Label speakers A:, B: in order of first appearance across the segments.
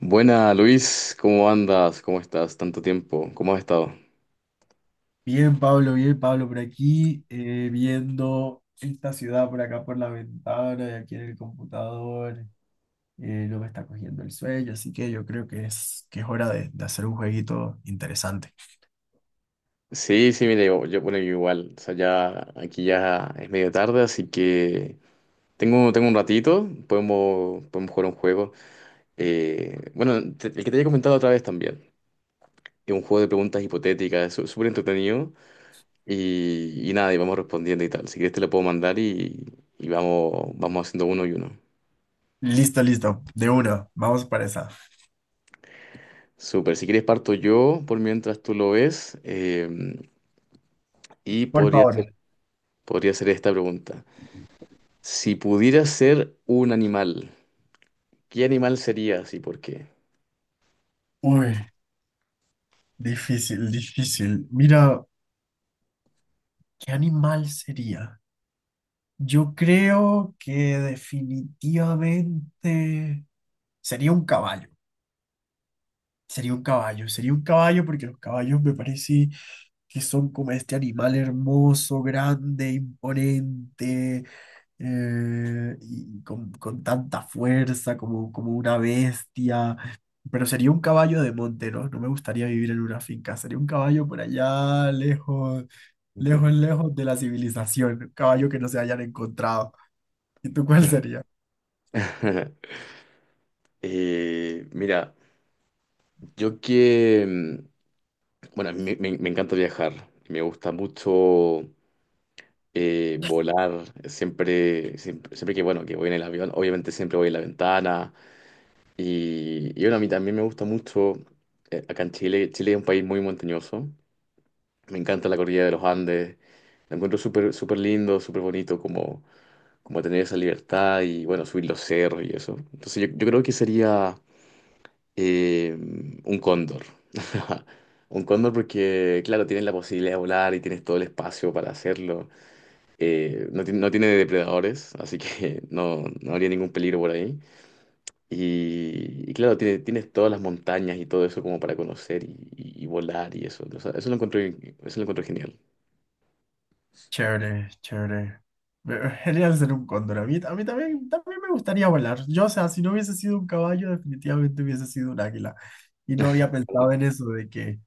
A: Buena, Luis, ¿cómo andas? ¿Cómo estás? Tanto tiempo, ¿cómo has estado?
B: Bien, Pablo, por aquí, viendo esta ciudad por acá por la ventana y aquí en el computador, no me está cogiendo el sueño, así que yo creo que es hora de hacer un jueguito interesante.
A: Sí, sí, mire, yo bueno, yo igual, o sea, ya aquí ya es medio tarde, así que tengo un ratito, podemos jugar un juego. Bueno, el que te había comentado otra vez también, es un juego de preguntas hipotéticas, es súper entretenido y nada, y vamos respondiendo y tal. Si quieres te lo puedo mandar y vamos haciendo uno y uno.
B: Listo, listo, de una, vamos para esa.
A: Súper, si quieres parto yo por mientras tú lo ves y
B: Por
A: podría.
B: favor.
A: Podría ser esta pregunta. Si pudieras ser un animal, ¿qué animal serías y por qué?
B: Uy, difícil, difícil. Mira, ¿qué animal sería? Yo creo que definitivamente sería un caballo. Sería un caballo, sería un caballo porque los caballos me parece que son como este animal hermoso, grande, imponente, y con tanta fuerza como una bestia. Pero sería un caballo de monte, ¿no? No me gustaría vivir en una finca. Sería un caballo por allá, lejos, lejos, lejos de la civilización. Un caballo que no se hayan encontrado. ¿Y tú cuál sería?
A: Mira, yo que, mm, bueno, me encanta viajar, me gusta mucho volar, siempre, siempre, siempre que, bueno, que voy en el avión, obviamente siempre voy en la ventana y bueno, a mí también me gusta mucho, acá en Chile, Chile es un país muy montañoso, me encanta la cordillera de los Andes, lo encuentro súper, súper lindo, súper bonito, como tener esa libertad y bueno, subir los cerros y eso. Entonces yo creo que sería eh, un cóndor. Un cóndor porque, claro, tienes la posibilidad de volar y tienes todo el espacio para hacerlo. No, no tiene depredadores, así que no, no habría ningún peligro por ahí. Y claro, tienes todas las montañas y todo eso como para conocer y volar y eso. O sea, eso lo encuentro genial.
B: Chévere, chévere. Genial ser un cóndor. A mí también, también me gustaría volar. Yo, o sea, si no hubiese sido un caballo, definitivamente hubiese sido un águila. Y no había pensado en eso, de que,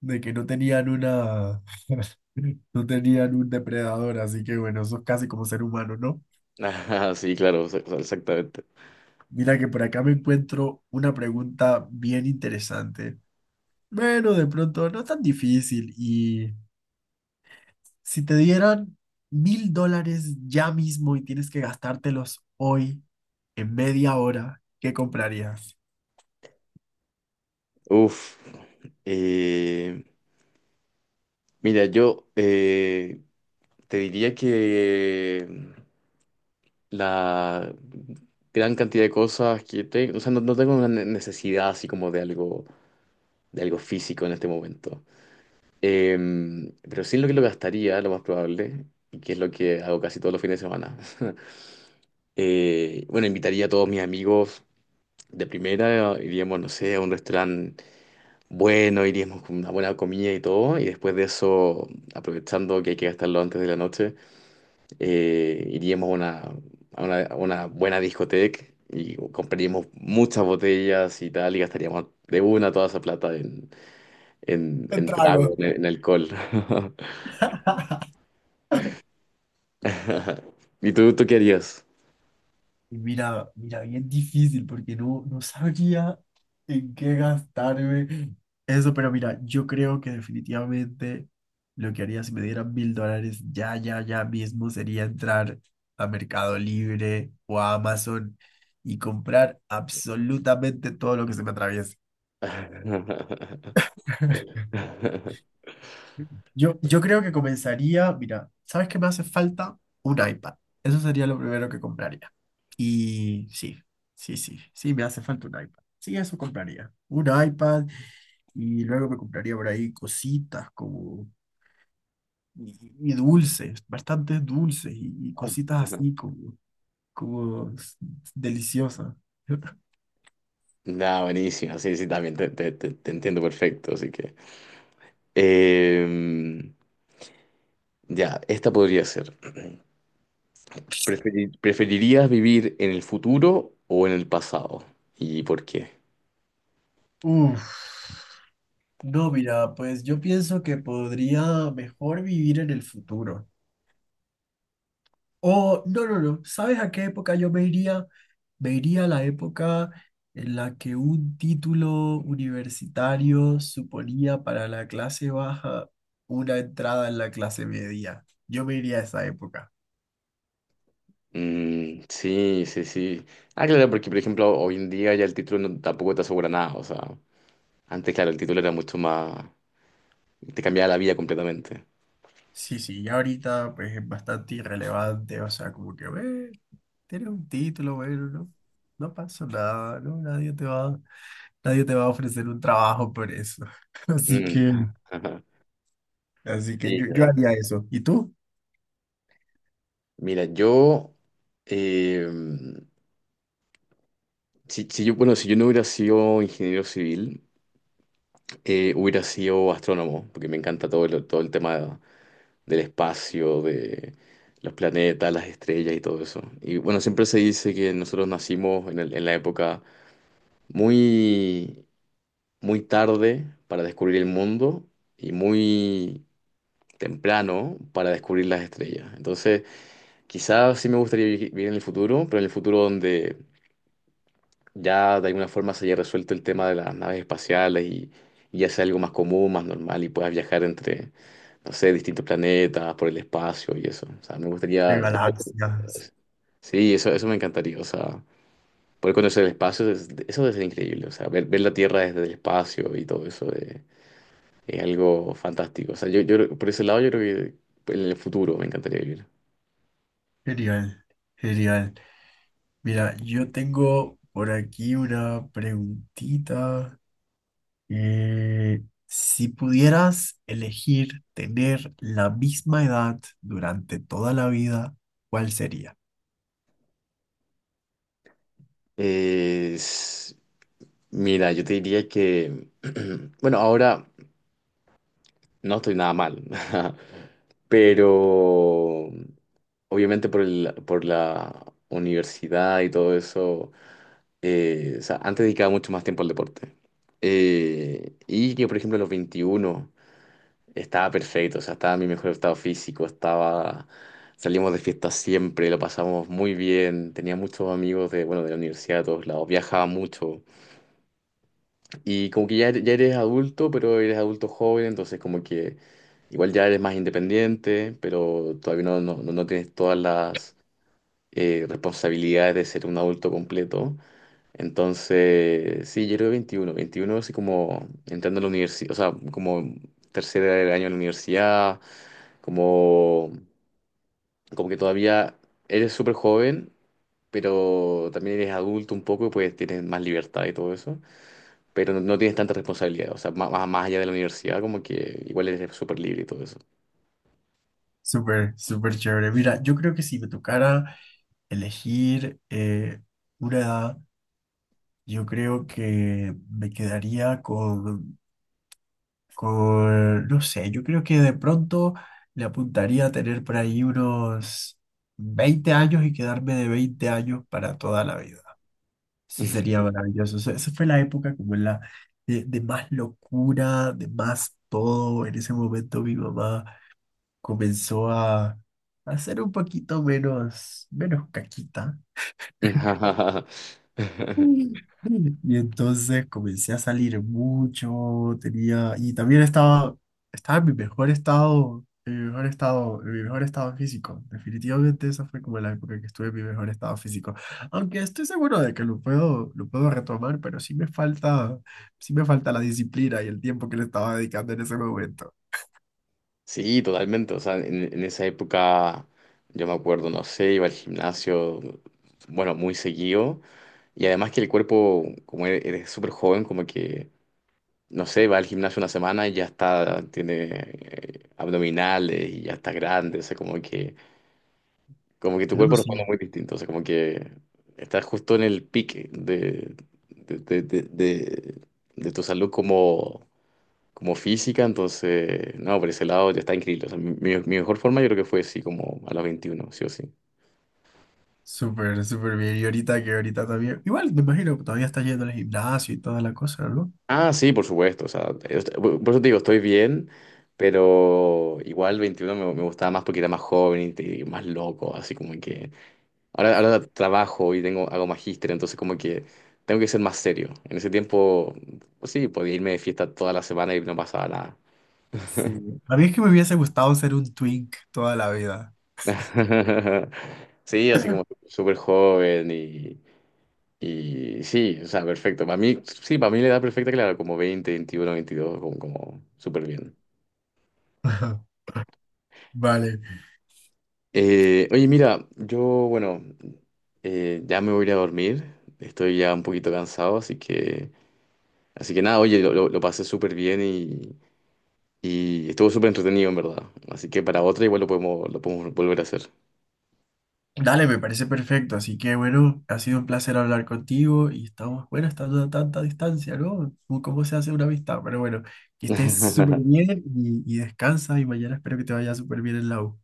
B: de que no tenían no tenían un depredador. Así que bueno, eso es casi como ser humano, ¿no?
A: Ah, sí, claro, o sea, exactamente.
B: Mira que por acá me encuentro una pregunta bien interesante. Bueno, de pronto no es tan difícil. Si te dieran $1.000 ya mismo y tienes que gastártelos hoy, en media hora, ¿qué comprarías?
A: Uf. Eh, Mira, yo te diría que la gran cantidad de cosas que tengo, o sea, no, no tengo una necesidad así como de algo, físico en este momento. Pero sí en lo que lo gastaría, lo más probable, y que es lo que hago casi todos los fines de semana. Bueno, invitaría a todos mis amigos de primera, iríamos, no sé, a un restaurante bueno, iríamos con una buena comida y todo, y después de eso, aprovechando que hay que gastarlo antes de la noche. Iríamos a una, a una buena discoteca y compraríamos muchas botellas y tal, y gastaríamos de una toda esa plata en, en,
B: Me
A: en
B: trago.
A: trago, en alcohol. ¿Y tú qué harías?
B: Y mira, mira, bien difícil porque no sabía en qué gastarme eso, pero mira, yo creo que definitivamente lo que haría si me dieran $1.000 ya, ya, ya mismo sería entrar a Mercado Libre o a Amazon y comprar absolutamente todo lo que se me atraviese. Yo creo que comenzaría, mira, ¿sabes qué me hace falta? Un iPad. Eso sería lo primero que compraría. Y sí, sí, sí, sí, me hace falta un iPad. Sí, eso compraría. Un iPad y luego me compraría por ahí cositas como... Y, y dulces, bastantes dulces y cositas así como deliciosas.
A: Nada, buenísimo. Sí, sí, también te entiendo perfecto. Así que. em, ya, esta podría ser. ¿Preferirías vivir en el futuro o en el pasado? ¿Y por qué?
B: Uf. No, mira, pues yo pienso que podría mejor vivir en el futuro. Oh, no, no, no. ¿Sabes a qué época yo me iría? Me iría a la época en la que un título universitario suponía para la clase baja una entrada en la clase media. Yo me iría a esa época.
A: Mm, sí, sí, sí. Ah, claro, porque por ejemplo hoy en día ya el título tampoco te asegura nada. O sea, antes, claro, el título era mucho más. Te cambiaba la vida completamente.
B: Sí, sí, ya ahorita pues es bastante irrelevante, o sea, como que, "Ve, tienes un título, bueno, no, no pasó nada, no, nadie te va a ofrecer un trabajo por eso." Así
A: Mm.
B: que, así que
A: Sí,
B: yo, yo
A: claro.
B: haría eso. ¿Y tú?
A: Mira, eh, si bueno, si yo no hubiera sido ingeniero civil, hubiera sido astrónomo, porque me encanta todo el tema del espacio, de los planetas, las estrellas y todo eso. Y bueno, siempre se dice que nosotros nacimos en la época muy, muy tarde para descubrir el mundo y muy temprano para descubrir las estrellas. Entonces, quizás sí me gustaría vivir en el futuro, pero en el futuro donde ya de alguna forma se haya resuelto el tema de las naves espaciales y ya sea algo más común, más normal y puedas viajar entre, no sé, distintos planetas, por el espacio y eso. O sea, me
B: De
A: gustaría.
B: galaxia.
A: Sí, eso me encantaría. O sea, poder conocer el espacio, eso debe ser increíble. O sea, ver la Tierra desde el espacio y todo eso es algo fantástico. O sea, por ese lado yo creo que pues, en el futuro me encantaría vivir.
B: Genial, genial. Mira, yo tengo por aquí una preguntita. Si pudieras elegir tener la misma edad durante toda la vida, ¿cuál sería?
A: Es- Mira, yo te diría que, bueno, ahora no estoy nada mal, pero obviamente por la universidad y todo eso, o sea, antes dedicaba mucho más tiempo al deporte. Y que, por ejemplo, a los 21 estaba perfecto, o sea, estaba en mi mejor estado físico, estaba. Salimos de fiesta siempre, lo pasamos muy bien, tenía muchos amigos de, bueno, de la universidad, de todos lados, viajaba mucho. Y como que ya, ya eres adulto, pero eres adulto joven, entonces como que igual ya eres más independiente, pero todavía no tienes todas las responsabilidades de ser un adulto completo. Entonces, sí, yo era 21 21 así como entrando a la universidad, o sea, como tercer año de la universidad como, como que todavía eres súper joven, pero también eres adulto un poco y pues tienes más libertad y todo eso, pero no, no tienes tanta responsabilidad, o sea, más allá de la universidad, como que igual eres súper libre y todo eso.
B: Súper, súper chévere. Mira, yo creo que si me tocara elegir una edad, yo creo que me quedaría con... Con, no sé, yo creo que de pronto le apuntaría a tener por ahí unos 20 años y quedarme de 20 años para toda la vida. Eso sería maravilloso. Eso- Esa fue la época como la de más locura, de más todo. En ese momento mi mamá comenzó a ser un poquito menos, menos caquita. Y entonces comencé a salir mucho, tenía, y también estaba en mi mejor estado, en mi mejor estado, en mi mejor estado físico. Definitivamente esa fue como la época que estuve en mi mejor estado físico. Aunque estoy seguro de que lo puedo retomar, pero sí me falta la disciplina y el tiempo que le estaba dedicando en ese momento.
A: Sí, totalmente. O sea, en esa época yo me acuerdo, no sé, iba al gimnasio, bueno, muy seguido. Y además que el cuerpo, como eres súper joven, como que no sé, va al gimnasio una semana y ya está, tiene abdominales y ya está grande, o sea, como que, tu
B: No,
A: cuerpo responde
B: sí.
A: muy distinto, o sea, como que estás justo en el pique de, de, de, de- de tu salud como física, entonces, no, por ese lado ya está increíble, o sea, mi mejor forma yo creo que fue así como a los 21 sí o sí.
B: Súper, súper bien. Y ahorita que ahorita también, igual me imagino que todavía está yendo al gimnasio y toda la cosa, ¿no?
A: Ah, sí, por supuesto, o sea, por eso te digo, estoy bien. Pero igual 21 me gustaba más porque era más joven y más loco, así como que ahora trabajo y tengo, hago magíster, entonces como que tengo que ser más serio. En ese tiempo, pues sí, podía irme de fiesta toda la semana y no pasaba nada.
B: Sí. A mí es que me hubiese gustado ser un twink toda la vida.
A: Sí, así como súper joven y sí, o sea, perfecto. Para mí, sí, para mí la edad perfecta, claro, como 20, 21, 22, como súper bien.
B: Ajá, vale.
A: Oye, mira, bueno, ya me voy a ir a dormir. Estoy ya un poquito cansado, así que nada, oye, lo pasé súper bien y estuvo súper entretenido, en verdad. Así que para otra igual lo podemos volver a hacer.
B: Dale, me parece perfecto. Así que bueno, ha sido un placer hablar contigo y estamos, bueno, estando a tanta distancia, ¿no? Como ¿cómo se hace una amistad? Pero bueno, que estés súper bien y descansa y mañana espero que te vaya súper bien en la U.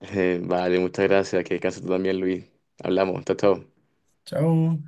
A: Vale, muchas gracias. Que descanses tú también, Luis. Hablamos. Chao, chao.
B: Chao.